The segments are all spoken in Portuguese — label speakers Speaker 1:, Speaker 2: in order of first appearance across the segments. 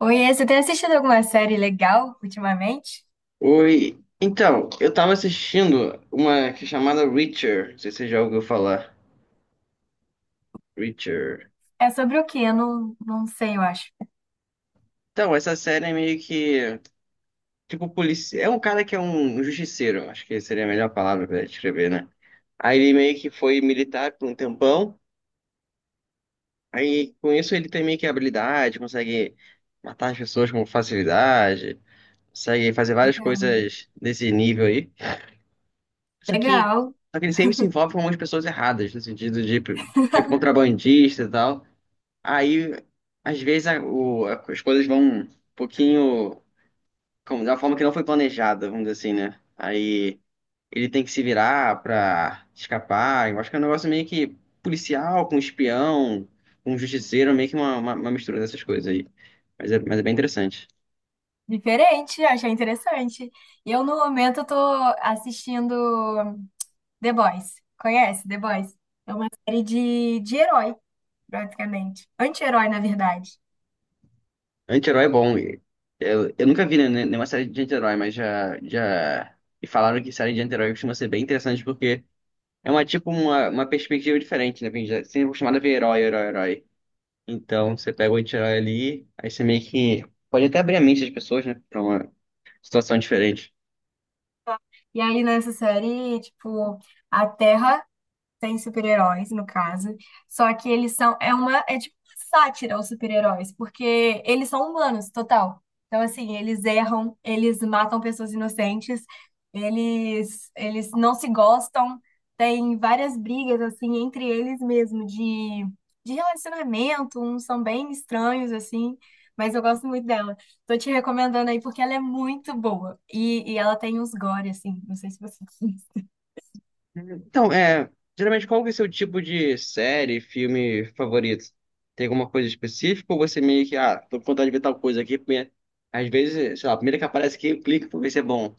Speaker 1: Oiê, você tem assistido alguma série legal ultimamente?
Speaker 2: Oi. Então, eu tava assistindo uma que é chamada Reacher. Não sei se você já ouviu falar. Reacher.
Speaker 1: É sobre o quê? Eu não sei, eu acho.
Speaker 2: Então, essa série é meio que. Tipo, polícia. É um cara que é um justiceiro. Acho que seria a melhor palavra pra descrever, né? Aí ele meio que foi militar por um tempão. Aí com isso ele tem meio que habilidade, consegue matar as pessoas com facilidade, consegue fazer várias
Speaker 1: Legal.
Speaker 2: coisas desse nível aí. Só que, só que ele sempre se envolve com umas pessoas erradas, no sentido de tipo tipo,
Speaker 1: Legal.
Speaker 2: contrabandista e tal. Aí, às vezes, as coisas vão um pouquinho como, da forma que não foi planejada, vamos dizer assim, né? Aí ele tem que se virar pra escapar. Eu acho que é um negócio meio que policial, com espião, com justiceiro, meio que uma mistura dessas coisas aí. Mas é bem interessante.
Speaker 1: Diferente, achei interessante. E eu, no momento, tô assistindo The Boys. Conhece The Boys? É uma série de herói, praticamente. Anti-herói, na verdade.
Speaker 2: Anti-herói é bom. Eu nunca vi nenhuma série de anti-herói, mas já me falaram que série de anti-herói costuma ser bem interessante porque é uma tipo uma perspectiva diferente, né? Porque sempre é acostumado a ver herói, herói, herói. Então, você pega o anti ali, aí você meio que pode até abrir a mente das pessoas, né, pra uma situação diferente.
Speaker 1: E aí, nessa série, tipo, a Terra tem super-heróis, no caso. Só que eles são. É uma. É tipo uma sátira aos super-heróis, porque eles são humanos, total. Então, assim, eles erram, eles matam pessoas inocentes, eles não se gostam. Tem várias brigas, assim, entre eles mesmo, de relacionamento, uns são bem estranhos, assim. Mas eu gosto muito dela. Tô te recomendando aí porque ela é muito boa. E ela tem uns gore, assim. Não sei se você.
Speaker 2: Então, é, geralmente qual que é o seu tipo de série, filme favorito? Tem alguma coisa específica ou você meio que, ah, tô com vontade de ver tal coisa aqui, porque às vezes, sei lá, a primeira que aparece aqui, eu clico pra ver se é bom.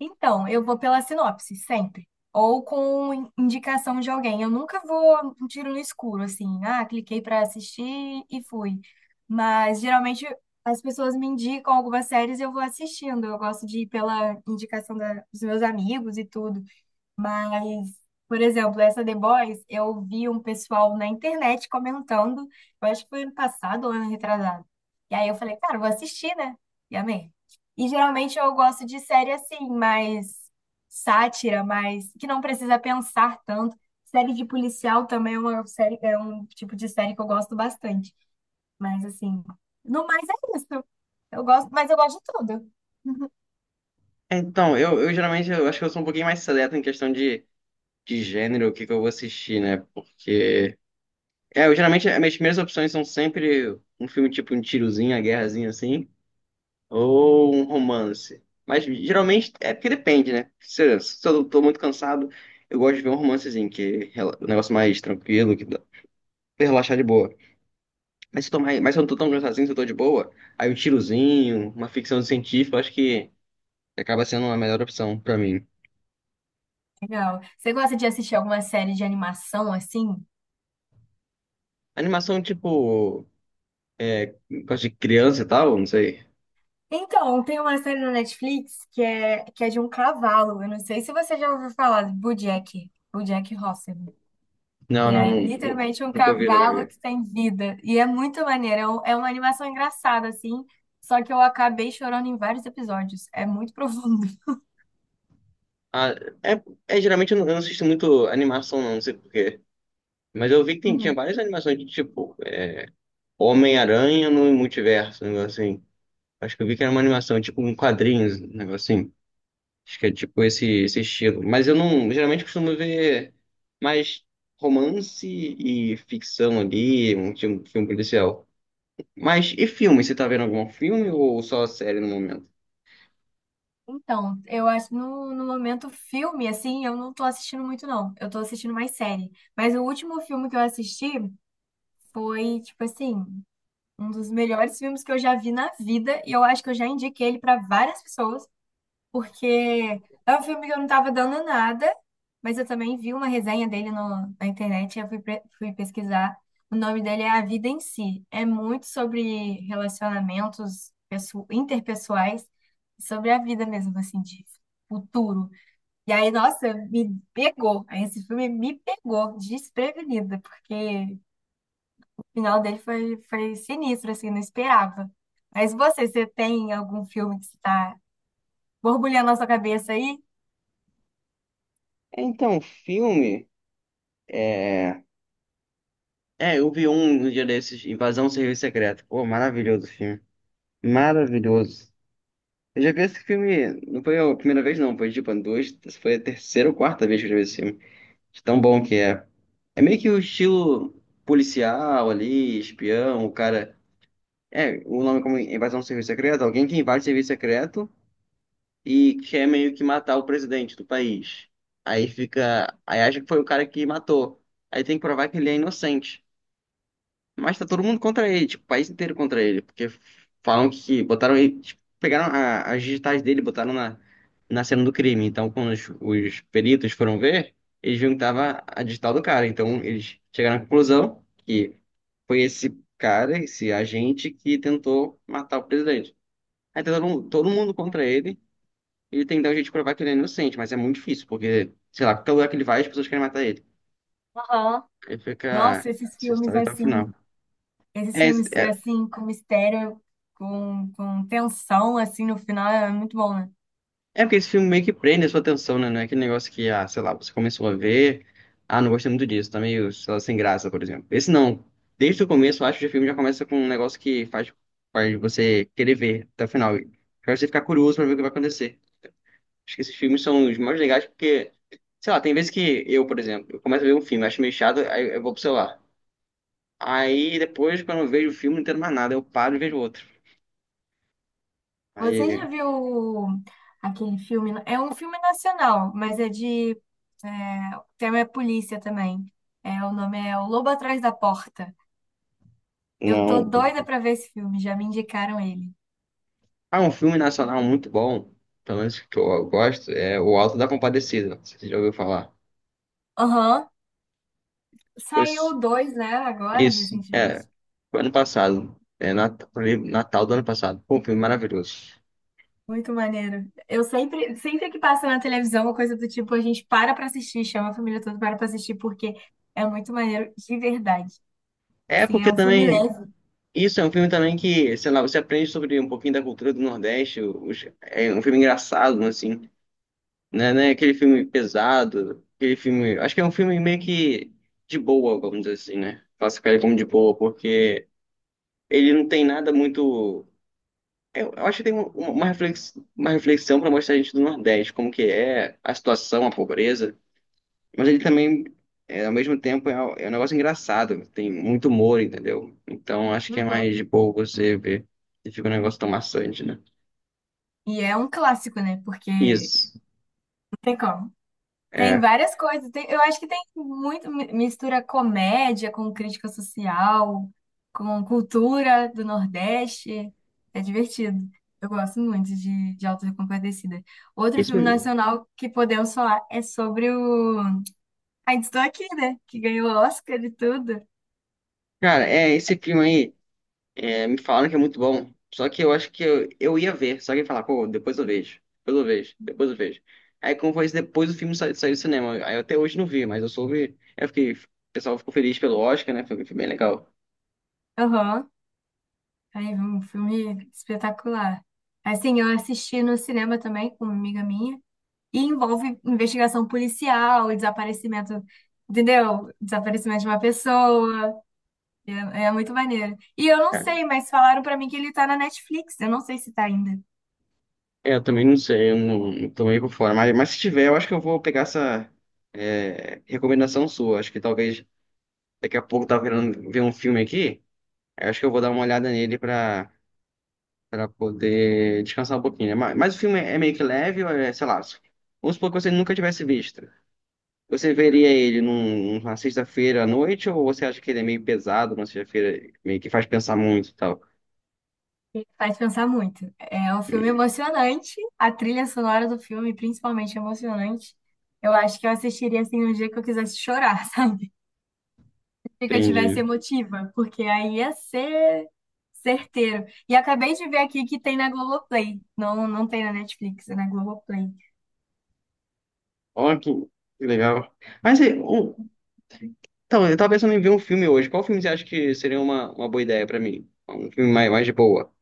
Speaker 1: Então, eu vou pela sinopse, sempre. Ou com indicação de alguém. Eu nunca vou um tiro no escuro, assim. Ah, cliquei pra assistir e fui. Mas geralmente as pessoas me indicam algumas séries e eu vou assistindo. Eu gosto de ir pela indicação da- dos meus amigos e tudo. Mas, por exemplo, essa The Boys, eu vi um pessoal na internet comentando, eu acho que foi ano passado ou ano retrasado. E aí eu falei, cara, eu vou assistir, né? E amei. E geralmente eu gosto de série assim, mais sátira, mais que não precisa pensar tanto. Série de policial também é uma série, é um tipo de série que eu gosto bastante. Mas assim, no mais é isso. Eu gosto, mas eu gosto de tudo.
Speaker 2: Eu, eu acho que eu sou um pouquinho mais seleto em questão de gênero, o que que eu vou assistir, né, porque... É, eu geralmente, as minhas primeiras opções são sempre um filme tipo um tirozinho, uma guerrazinha assim, ou um romance. Mas geralmente é porque depende, né? Se eu tô muito cansado, eu gosto de ver um romancezinho, que é um negócio mais tranquilo, que dá pra relaxar de boa. Mas se eu não tô tão cansadinho, se eu tô de boa, aí um tirozinho, uma ficção científica, eu acho que acaba sendo a melhor opção pra mim.
Speaker 1: Legal. Você gosta de assistir alguma série de animação assim?
Speaker 2: Animação tipo, é, gosto de criança e tal, não sei.
Speaker 1: Então, tem uma série na Netflix que é de um cavalo. Eu não sei se você já ouviu falar de BoJack, BoJack Horseman, que é literalmente um
Speaker 2: Nunca vi, nunca
Speaker 1: cavalo
Speaker 2: vi.
Speaker 1: que tem vida. E é muito maneiro. É, um- é uma animação engraçada, assim. Só que eu acabei chorando em vários episódios. É muito profundo.
Speaker 2: Ah, é, é geralmente eu não assisto muito animação, não, não sei por quê. Mas eu vi que tinha
Speaker 1: Uhum.
Speaker 2: várias animações de tipo. Homem-Aranha no Multiverso, um negócio assim. Acho que eu vi que era uma animação, tipo um quadrinho, um negócio assim. Acho que é tipo esse estilo. Mas eu não, geralmente costumo ver mais romance e ficção ali, um tipo de filme policial. Mas e filme? Você tá vendo algum filme ou só série no momento?
Speaker 1: Então, eu acho no momento filme, assim, eu não tô assistindo muito, não. Eu tô assistindo mais série. Mas o último filme que eu assisti foi, tipo assim. Um dos melhores filmes que eu já vi na vida, e eu acho que eu já indiquei ele para várias pessoas, porque é um filme que eu não estava dando nada, mas eu também vi uma resenha dele no- na internet, e eu fui, pre- fui pesquisar. O nome dele é A Vida em Si. É muito sobre relacionamentos pesso- interpessoais, sobre a vida mesmo, assim, de futuro. E aí, nossa, me pegou. Aí esse filme me pegou desprevenida, porque o final dele foi, foi sinistro, assim, não esperava. Mas você, você tem algum filme que está borbulhando na sua cabeça aí?
Speaker 2: É, Então, filme, é... eu vi um no dia desses, Invasão Serviço Secreto. Pô, maravilhoso o filme. Maravilhoso. Eu já vi esse filme, não foi a primeira vez não, foi tipo duas, foi a terceira ou quarta vez que eu já vi esse filme. De tão bom que é. É meio que o estilo policial ali, espião, o cara. É, o nome como invasão do serviço secreto, alguém que invade o serviço secreto e quer meio que matar o presidente do país. Aí fica. Aí acha que foi o cara que matou. Aí tem que provar que ele é inocente. Mas tá todo mundo contra ele, tipo, o país inteiro contra ele, porque falam que botaram ele, tipo, pegaram as digitais dele, e botaram na cena do crime. Então, quando os peritos foram ver, eles viram que tava a digital do cara. Então, eles chegaram à conclusão que foi esse cara, esse agente, que tentou matar o presidente. Aí tá todo mundo contra ele, ele tem que dar um jeito de provar que ele é inocente, mas é muito difícil, porque, sei lá, qualquer lugar que ele vai, as pessoas querem matar ele.
Speaker 1: Aham.
Speaker 2: Aí
Speaker 1: Nossa,
Speaker 2: fica essa história até o final.
Speaker 1: esses
Speaker 2: É,
Speaker 1: filmes
Speaker 2: é,
Speaker 1: assim, com mistério, com tensão, assim, no final é muito bom, né?
Speaker 2: É porque esse filme meio que prende a sua atenção, né? Não é aquele negócio que, ah, sei lá, você começou a ver, ah, não gostei muito disso, tá meio, sei lá, sem graça, por exemplo. Esse não. Desde o começo, eu acho que o filme já começa com um negócio que faz você querer ver até o final. E faz você ficar curioso pra ver o que vai acontecer. Acho que esses filmes são os mais legais porque, sei lá, tem vezes que eu, por exemplo, eu começo a ver um filme, acho meio chato, aí eu vou pro celular. Aí depois, quando eu vejo o filme, não entendo mais nada, eu paro e vejo outro.
Speaker 1: Você já
Speaker 2: Aí,
Speaker 1: viu aquele filme? É um filme nacional, mas é de. É, o tema é polícia também. É, o nome é O Lobo Atrás da Porta. Eu tô
Speaker 2: não.
Speaker 1: doida pra ver esse filme, já me indicaram ele.
Speaker 2: Ah, um filme nacional muito bom, pelo menos que eu gosto, é O Alto da Compadecida. Não sei se você já ouviu falar?
Speaker 1: Aham.
Speaker 2: Pois,
Speaker 1: Saiu dois, né? Agora,
Speaker 2: isso, é,
Speaker 1: recentemente.
Speaker 2: foi ano passado, é foi Natal do ano passado. Pô, um filme maravilhoso.
Speaker 1: Muito maneiro. Eu sempre, sempre que passa na televisão, uma coisa do tipo, a gente para pra assistir, chama a família toda para pra assistir, porque é muito maneiro de verdade.
Speaker 2: É
Speaker 1: Sim, é
Speaker 2: porque
Speaker 1: um filme
Speaker 2: também,
Speaker 1: leve.
Speaker 2: isso é um filme também que, sei lá, você aprende sobre um pouquinho da cultura do Nordeste, é um filme engraçado, assim, né, aquele filme pesado, aquele filme, acho que é um filme meio que de boa, vamos dizer assim, né? Classificar ele como de boa, porque ele não tem nada muito. Eu acho que tem uma uma reflexão para mostrar a gente do Nordeste, como que é a situação, a pobreza, mas ele também, é, ao mesmo tempo, é um negócio engraçado, tem muito humor, entendeu? Então acho que é
Speaker 1: Uhum.
Speaker 2: mais de boa você ver se fica um negócio tão maçante, né?
Speaker 1: E é um clássico, né? Porque não
Speaker 2: Isso,
Speaker 1: tem como. Tem
Speaker 2: é.
Speaker 1: várias coisas. Tem- eu acho que tem muito mi- mistura comédia com crítica social, com cultura do Nordeste. É divertido. Eu gosto muito de Auto da Compadecida. Outro
Speaker 2: Isso
Speaker 1: filme
Speaker 2: mesmo.
Speaker 1: nacional que podemos falar é sobre o Ainda Estou Aqui, né? Que ganhou o Oscar e tudo.
Speaker 2: Cara, é esse filme aí. É, me falaram que é muito bom. Só que eu acho que eu ia ver. Só que eu ia falar, pô, depois eu vejo. Depois eu vejo. Depois eu vejo. Aí, como foi isso, depois o filme saiu, saiu do cinema. Aí eu até hoje não vi, mas eu soube. Eu fiquei, o pessoal ficou feliz pelo Oscar, né? Foi, foi bem legal.
Speaker 1: Aham. Aí, um filme espetacular. Assim, eu assisti no cinema também com uma amiga minha. E envolve investigação policial, e desaparecimento, entendeu? Desaparecimento de uma pessoa. É, é muito maneiro. E eu não
Speaker 2: É,
Speaker 1: sei, mas falaram pra mim que ele tá na Netflix. Eu não sei se tá ainda.
Speaker 2: eu também não sei, eu não, não tô meio por fora. Mas se tiver, eu acho que eu vou pegar essa recomendação sua. Acho que talvez daqui a pouco eu tava querendo ver um filme aqui. Eu acho que eu vou dar uma olhada nele pra. Pra poder descansar um pouquinho, né? Mas o filme é meio que leve, ou é, sei lá. Vamos supor que você nunca tivesse visto. Você veria ele numa sexta-feira à noite, ou você acha que ele é meio pesado, numa sexta-feira, meio que faz pensar muito e tal?
Speaker 1: Faz pensar muito. É um filme
Speaker 2: Hum,
Speaker 1: emocionante. A trilha sonora do filme, principalmente, é emocionante. Eu acho que eu assistiria assim um dia que eu quisesse chorar, sabe? Que eu tivesse
Speaker 2: Entendi.
Speaker 1: emotiva, porque aí ia ser certeiro. E acabei de ver aqui que tem na Globoplay. Não tem na Netflix, é na Globoplay.
Speaker 2: Ó, que legal. Mas então, eu tava pensando em ver um filme hoje. Qual filme você acha que seria uma boa ideia pra mim? Um filme mais, mais de boa.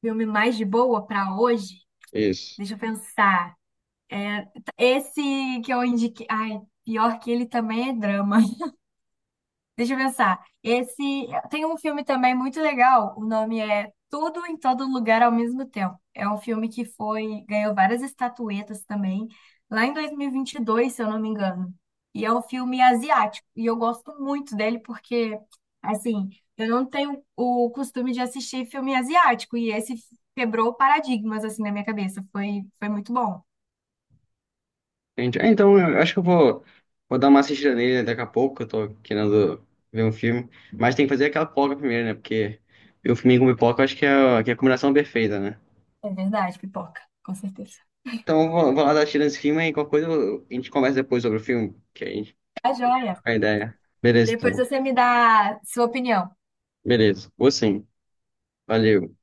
Speaker 1: Filme mais de boa pra hoje?
Speaker 2: Isso.
Speaker 1: Deixa eu pensar. É, esse que eu indiquei. Ai, pior que ele também é drama. Deixa eu pensar. Esse tem um filme também muito legal. O nome é Tudo em Todo Lugar ao Mesmo Tempo. É um filme que foi ganhou várias estatuetas também lá em 2022, se eu não me engano. E é um filme asiático e eu gosto muito dele porque assim eu não tenho o costume de assistir filme asiático e esse quebrou paradigmas assim na minha cabeça. Foi muito bom.
Speaker 2: Entendi. É, então, eu acho que vou dar uma assistida nele né, daqui a pouco, eu tô querendo ver um filme. Mas tem que fazer aquela pipoca primeiro, né? Porque ver um filme com pipoca eu acho que que é a combinação perfeita, né?
Speaker 1: É verdade, pipoca, com certeza.
Speaker 2: Então, vou lá dar assistida nesse filme e qualquer coisa a gente conversa depois sobre o filme, que a gente
Speaker 1: Tá joia.
Speaker 2: troca a ideia. Beleza,
Speaker 1: Depois
Speaker 2: então.
Speaker 1: você me dá sua opinião.
Speaker 2: Beleza. Vou sim. Valeu.